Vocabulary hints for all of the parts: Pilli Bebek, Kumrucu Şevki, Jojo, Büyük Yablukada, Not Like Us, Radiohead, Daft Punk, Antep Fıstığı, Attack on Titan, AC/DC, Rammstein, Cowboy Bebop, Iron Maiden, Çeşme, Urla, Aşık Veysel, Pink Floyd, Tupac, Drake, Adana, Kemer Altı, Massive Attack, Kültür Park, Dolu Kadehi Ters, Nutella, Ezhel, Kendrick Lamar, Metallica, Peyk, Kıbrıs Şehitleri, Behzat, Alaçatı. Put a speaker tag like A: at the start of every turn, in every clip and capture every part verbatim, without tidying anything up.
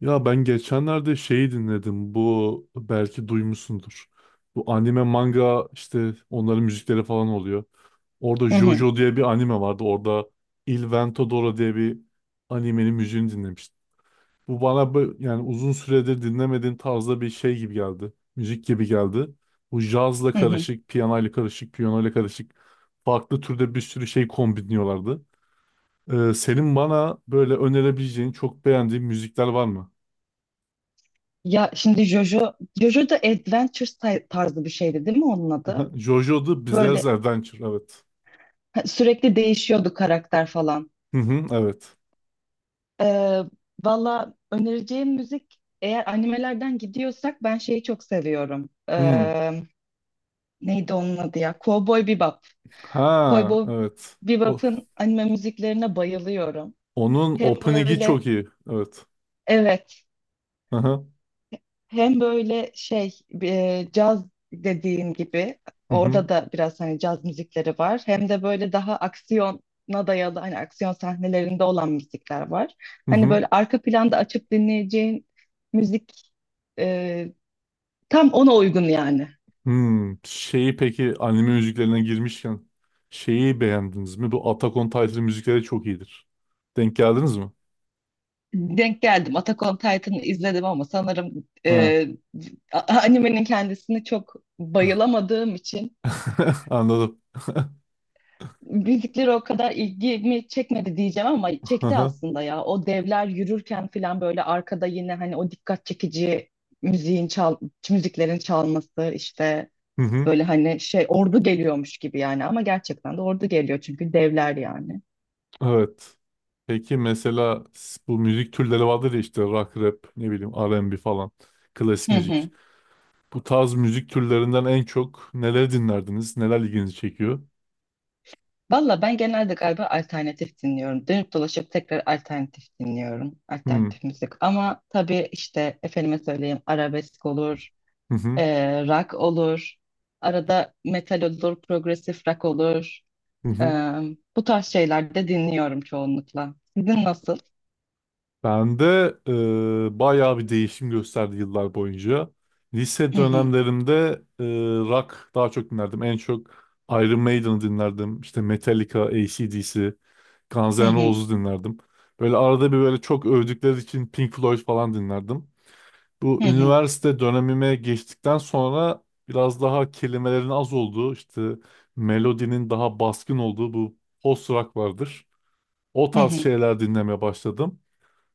A: Ya ben geçenlerde şeyi dinledim. Bu belki duymuşsundur. Bu anime manga işte onların müzikleri falan oluyor. Orada
B: Hı hı,
A: JoJo diye bir anime vardı. Orada Il Vento diye bir animenin müziğini dinlemiştim. Bu bana bö- yani uzun süredir dinlemediğim tarzda bir şey gibi geldi. Müzik gibi geldi. Bu cazla
B: hı hı.
A: karışık, piyanoyla karışık, piyanoyla karışık farklı türde bir sürü şey kombinliyorlardı. Ee, senin bana böyle önerebileceğin çok beğendiğin müzikler var mı?
B: Ya şimdi Jojo, Jojo da adventure tay- tarzı bir şeydi değil mi onun adı?
A: Aha, Jojo The Bizarre
B: Böyle
A: Adventure evet.
B: ha, sürekli değişiyordu karakter falan.
A: Hı hı, evet.
B: Ee, Valla önereceğim müzik eğer animelerden gidiyorsak ben şeyi çok seviyorum.
A: Hı.
B: Ee, neydi onun adı ya? Cowboy Bebop.
A: Ha
B: Cowboy
A: evet. O,
B: Bebop'ın anime müziklerine bayılıyorum.
A: Onun
B: Hem
A: opening'i
B: böyle
A: çok iyi. Evet.
B: evet.
A: Hı hı.
B: Hem böyle şey, e, caz dediğin gibi
A: Hı hı.
B: orada da biraz hani caz müzikleri var. Hem de böyle daha aksiyona dayalı, hani aksiyon sahnelerinde olan müzikler var.
A: Hı
B: Hani
A: hı.
B: böyle arka planda açıp dinleyeceğin müzik, e, tam ona uygun yani.
A: Şeyi peki anime müziklerine girmişken şeyi beğendiniz mi? Bu Attack on Titan müzikleri çok iyidir. Denk geldiniz mi?
B: Denk geldim. Attack on Titan'ı izledim ama sanırım
A: Ha.
B: e, a- animenin kendisini çok bayılamadığım için
A: Anladım.
B: müzikleri o kadar ilgimi çekmedi diyeceğim, ama
A: Hı
B: çekti
A: hı.
B: aslında ya. O devler yürürken falan böyle arkada yine hani o dikkat çekici müziğin çal müziklerin çalması işte,
A: Hı.
B: böyle hani şey ordu geliyormuş gibi yani, ama gerçekten de ordu geliyor çünkü devler yani.
A: Evet. Peki mesela s- bu müzik türleri vardır ya işte rock, rap, ne bileyim R and B falan. Klasik
B: Hı
A: müzik.
B: hı.
A: Bu tarz müzik türlerinden en çok neler dinlerdiniz? Neler ilginizi çekiyor?
B: Valla ben genelde galiba alternatif dinliyorum. Dönüp dolaşıp tekrar alternatif dinliyorum.
A: Hmm.
B: Alternatif müzik. Ama tabii işte efendime söyleyeyim arabesk olur.
A: Hı hı.
B: Ee, rock olur. Arada metal olur, progresif rock olur.
A: Hı
B: Ee,
A: hı.
B: Bu tarz şeyler de dinliyorum çoğunlukla. Sizin nasıl?
A: Ben de e, bayağı bir değişim gösterdi yıllar boyunca. Lise
B: Hı hı,
A: dönemlerimde e, rock daha çok dinlerdim. En çok Iron Maiden'ı dinlerdim. İşte Metallica, A C/D C, Guns
B: hı
A: N'
B: hı,
A: Roses'u dinlerdim. Böyle arada bir böyle çok övdükleri için Pink Floyd falan dinlerdim. Bu
B: hı hı,
A: üniversite dönemime geçtikten sonra biraz daha kelimelerin az olduğu, işte melodinin daha baskın olduğu bu post rock vardır. O
B: hı
A: tarz
B: hı.
A: şeyler dinlemeye başladım.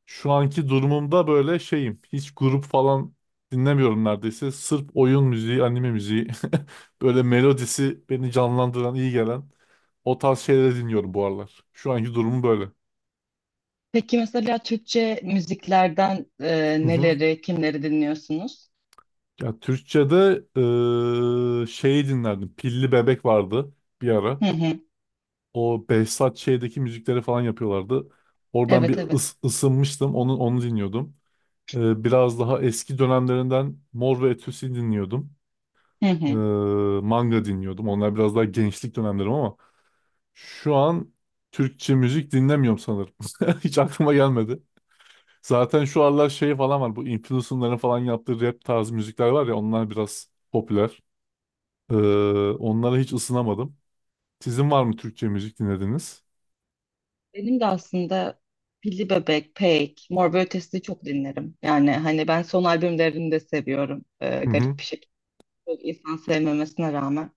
A: Şu anki durumumda böyle şeyim. Hiç grup falan dinlemiyorum neredeyse. Sırf oyun müziği, anime müziği, böyle melodisi beni canlandıran, iyi gelen o tarz şeyleri dinliyorum bu aralar. Şu anki durumum böyle.
B: Peki mesela Türkçe müziklerden, e,
A: Hı hı.
B: neleri, kimleri dinliyorsunuz?
A: Ya Türkçe'de eee şeyi dinlerdim. Pilli Bebek vardı bir ara.
B: Hı hı.
A: O Behzat şeydeki müzikleri falan yapıyorlardı. Oradan bir
B: Evet, evet.
A: ıs- ısınmıştım. Onu onu dinliyordum. Eee, biraz daha eski dönemlerinden Mor ve Ötesi dinliyordum.
B: Hı
A: Eee,
B: hı.
A: Manga dinliyordum. Onlar biraz daha gençlik dönemlerim ama şu an Türkçe müzik dinlemiyorum sanırım. Hiç aklıma gelmedi. Zaten şu aralar şey falan var. Bu influencer'ların falan yaptığı rap tarzı müzikler var ya onlar biraz popüler. Ee, Onlara hiç ısınamadım. Sizin var mı Türkçe müzik dinlediniz?
B: Benim de aslında Pilli Bebek, Peyk, Mor ve Ötesi'ni çok dinlerim. Yani hani ben son albümlerini de seviyorum. Ee,
A: Hı hı.
B: garip bir şekilde. Çok insan sevmemesine rağmen.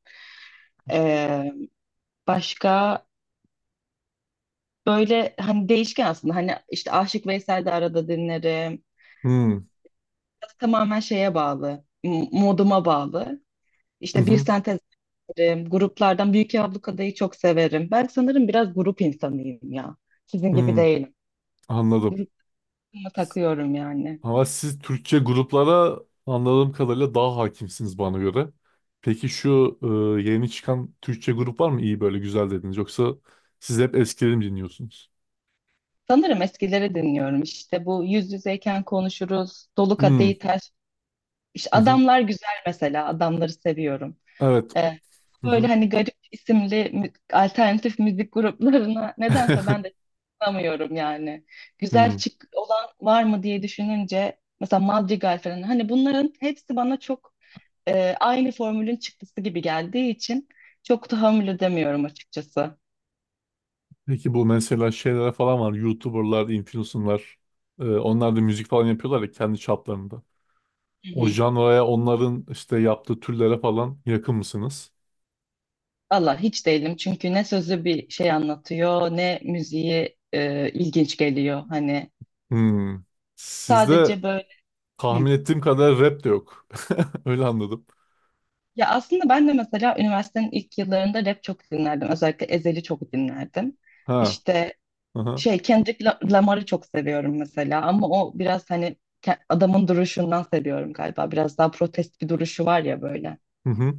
B: E, başka, böyle hani değişken aslında, hani işte Aşık Veysel de arada dinlerim.
A: Hı hı.
B: Tamamen şeye bağlı, m- moduma bağlı. İşte bir
A: Hı,
B: sentez dinlerim, gruplardan Büyük Yablukada'yı çok severim. Ben sanırım biraz grup insanıyım ya. Sizin gibi
A: hı.
B: değilim.
A: Anladım.
B: Grupuma takıyorum yani.
A: Ama siz Türkçe gruplara anladığım kadarıyla daha hakimsiniz bana göre. Peki şu e, yeni çıkan Türkçe grup var mı? İyi böyle güzel dediniz. Yoksa siz hep eskileri mi dinliyorsunuz?
B: Sanırım eskileri dinliyorum. İşte bu yüz yüzeyken konuşuruz, Dolu
A: Hı
B: Kadehi Ters. İşte
A: hı. Hı.
B: adamlar güzel mesela, adamları seviyorum.
A: Evet.
B: Ee,
A: Hı
B: Böyle
A: hı.
B: hani garip isimli mü- alternatif müzik gruplarına nedense ben de tanımıyorum yani. Güzel
A: Hı.
B: çık olan var mı diye düşününce mesela Madrigal falan, hani bunların hepsi bana çok, e, aynı formülün çıktısı gibi geldiği için çok tahammül edemiyorum açıkçası.
A: Peki bu mesela şeylere falan var. YouTuber'lar, influencer'lar. E, onlar da müzik falan yapıyorlar ya kendi çaplarında.
B: Hı
A: O
B: hı.
A: janraya onların işte yaptığı türlere falan yakın mısınız?
B: Valla hiç değilim, çünkü ne sözü bir şey anlatıyor ne müziği e, ilginç geliyor, hani
A: Hmm. Sizde
B: sadece böyle. Hı.
A: tahmin ettiğim kadar rap de yok. Öyle anladım.
B: Ya aslında ben de mesela üniversitenin ilk yıllarında rap çok dinlerdim. Özellikle Ezhel'i çok dinlerdim.
A: Ha.
B: İşte
A: Aha.
B: şey, Kendrick La- Lamar'ı çok seviyorum mesela, ama o biraz hani ke- adamın duruşundan seviyorum galiba. Biraz daha protest bir duruşu var ya böyle.
A: Hı hı.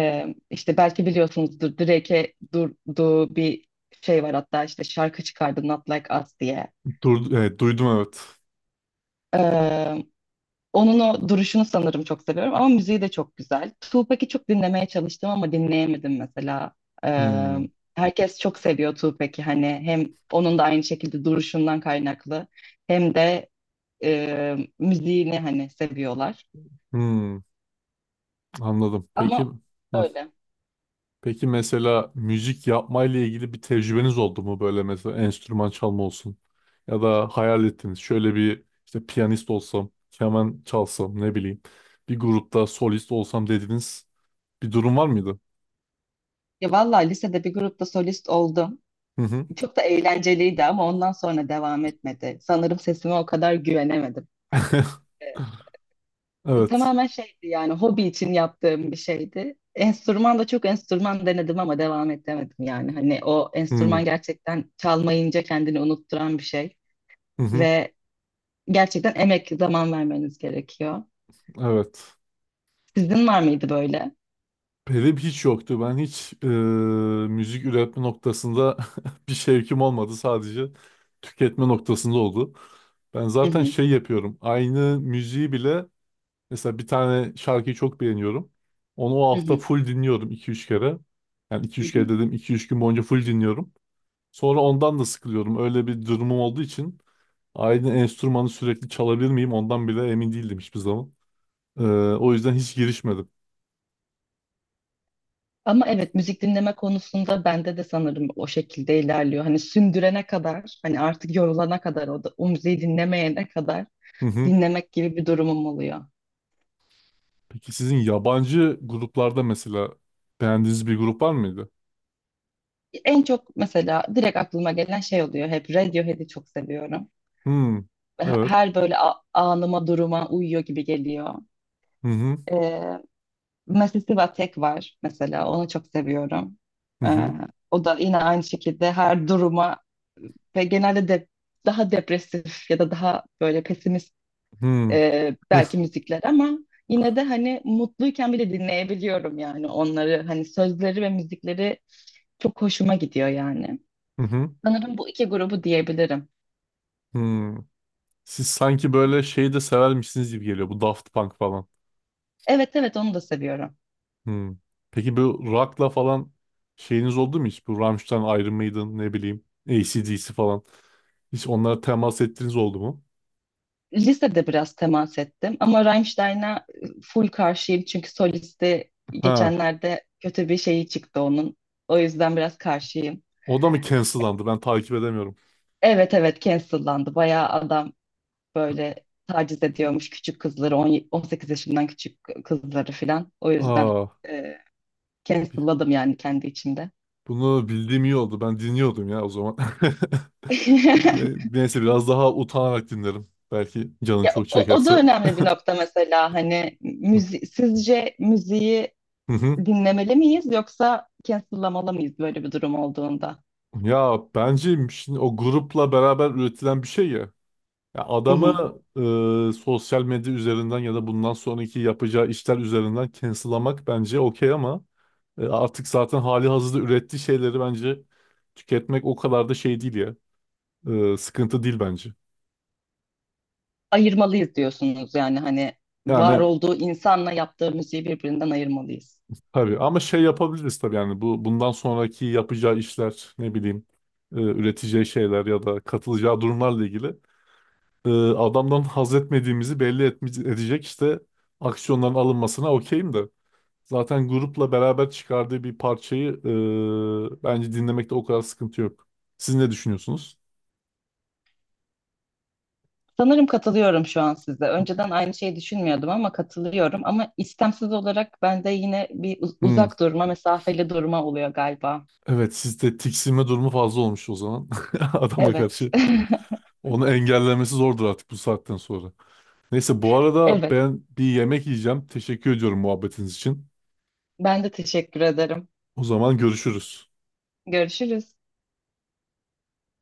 B: Ee, işte belki biliyorsunuzdur, Drake'e durduğu bir şey var hatta, işte şarkı çıkardı Not Like Us diye.
A: Dur, evet, duydum evet.
B: Onun o duruşunu sanırım çok seviyorum ama müziği de çok güzel. Tupac'i çok dinlemeye çalıştım ama dinleyemedim mesela. Ee,
A: Hmm.
B: Herkes çok seviyor Tupac'i, hani hem onun da aynı şekilde duruşundan kaynaklı hem de e, müziğini hani seviyorlar.
A: Hmm. Anladım. Peki
B: Ama
A: hı.
B: öyle.
A: Peki mesela müzik yapmayla ilgili bir tecrübeniz oldu mu böyle mesela enstrüman çalma olsun ya da hayal ettiniz şöyle bir işte piyanist olsam, keman çalsam ne bileyim bir grupta solist olsam dediğiniz bir durum var mıydı?
B: Ya vallahi lisede bir grupta solist oldum.
A: Hı hı.
B: Çok da eğlenceliydi ama ondan sonra devam etmedi. Sanırım sesime o kadar güvenemedim.
A: Evet.
B: Tamamen şeydi yani, hobi için yaptığım bir şeydi. Enstrüman da çok enstrüman denedim ama devam edemedim yani. Hani o
A: Hı hı.
B: enstrüman gerçekten çalmayınca kendini unutturan bir şey
A: Hı.
B: ve gerçekten emek, zaman vermeniz gerekiyor.
A: Evet.
B: Sizin var mıydı böyle?
A: Benim hiç yoktu. Ben hiç e, müzik üretme noktasında bir şevkim olmadı. Sadece tüketme noktasında oldu. Ben
B: Hı
A: zaten
B: hı,
A: şey yapıyorum. Aynı müziği bile mesela bir tane şarkıyı çok beğeniyorum. Onu o
B: hı
A: hafta
B: hı,
A: full dinliyorum iki üç kere. Yani iki
B: hı
A: üç kere
B: hı.
A: dedim iki üç gün boyunca full dinliyorum. Sonra ondan da sıkılıyorum. Öyle bir durumum olduğu için aynı enstrümanı sürekli çalabilir miyim ondan bile emin değildim hiçbir zaman. Ee, O yüzden hiç girişmedim.
B: Ama evet, müzik dinleme konusunda bende de sanırım o şekilde ilerliyor. Hani sündürene kadar, hani artık yorulana kadar, o da o müziği dinlemeyene kadar
A: Hı hı.
B: dinlemek gibi bir durumum oluyor.
A: Peki sizin yabancı gruplarda mesela beğendiğiniz bir grup var mıydı?
B: En çok mesela direkt aklıma gelen şey oluyor hep, Radiohead'i çok seviyorum.
A: Hmm. Evet.
B: Her böyle a- anıma duruma uyuyor gibi geliyor.
A: Hı hı.
B: Ee, Massive Attack var mesela, onu çok seviyorum.
A: Hı
B: Ee,
A: hı.
B: O da yine aynı şekilde her duruma, ve genelde de daha depresif ya da daha böyle pesimist,
A: Hı.
B: e, belki müzikler, ama yine de hani mutluyken bile dinleyebiliyorum yani onları, hani sözleri ve müzikleri çok hoşuma gidiyor yani.
A: Hı hı.
B: Sanırım bu iki grubu diyebilirim.
A: Hı. Siz sanki böyle şeyi de severmişsiniz gibi geliyor. Bu Daft Punk falan.
B: Evet evet, onu da seviyorum.
A: Hı. Peki bu rock'la falan şeyiniz oldu mu hiç? Bu Rammstein, Iron Maiden ne bileyim A C/D C falan. Hiç onlara temas ettiğiniz oldu mu?
B: Lisede biraz temas ettim ama Rammstein'a e, full karşıyım, çünkü solisti
A: Ha.
B: geçenlerde kötü bir şeyi çıktı onun. O yüzden biraz karşıyım.
A: O da mı cancellandı? Ben takip edemiyorum.
B: Evet evet, cancellandı. Bayağı adam böyle taciz ediyormuş küçük kızları, on, on sekiz yaşından küçük kızları filan. O yüzden
A: Aa.
B: e, cancelladım yani kendi içimde.
A: Bunu bildiğim iyi oldu. Ben dinliyordum ya o zaman. Ne- Neyse biraz daha utanarak dinlerim. Belki canın
B: Ya
A: çok
B: o, o da
A: çekerse.
B: önemli bir nokta mesela, hani müzi sizce müziği
A: Hı hı.
B: dinlemeli miyiz yoksa cancel'lamalı mıyız böyle bir durum olduğunda?
A: Ya bence şimdi o grupla beraber üretilen bir şey ya. Ya
B: Hı hı.
A: adamı e, sosyal medya üzerinden ya da bundan sonraki yapacağı işler üzerinden cancel'lamak bence okey ama e, artık zaten hali hazırda ürettiği şeyleri bence tüketmek o kadar da şey değil ya. E, sıkıntı değil bence.
B: Ayırmalıyız diyorsunuz yani, hani var
A: Yani
B: olduğu insanla yaptığı müziği birbirinden ayırmalıyız.
A: tabii ama şey yapabiliriz tabii yani bu bundan sonraki yapacağı işler ne bileyim e, üreteceği şeyler ya da katılacağı durumlarla ilgili e, adamdan haz etmediğimizi belli etme- edecek işte aksiyonların alınmasına okeyim de zaten grupla beraber çıkardığı bir parçayı e, bence dinlemekte o kadar sıkıntı yok. Siz ne düşünüyorsunuz?
B: Sanırım katılıyorum şu an size. Önceden aynı şeyi düşünmüyordum ama katılıyorum. Ama istemsiz olarak bende yine bir uz-
A: Hmm,
B: uzak durma, mesafeli durma oluyor galiba.
A: evet sizde tiksinme durumu fazla olmuş o zaman adama
B: Evet,
A: karşı. Onu engellemesi zordur artık bu saatten sonra. Neyse bu arada
B: evet.
A: ben bir yemek yiyeceğim. Teşekkür ediyorum muhabbetiniz için.
B: Ben de teşekkür ederim.
A: O zaman görüşürüz.
B: Görüşürüz.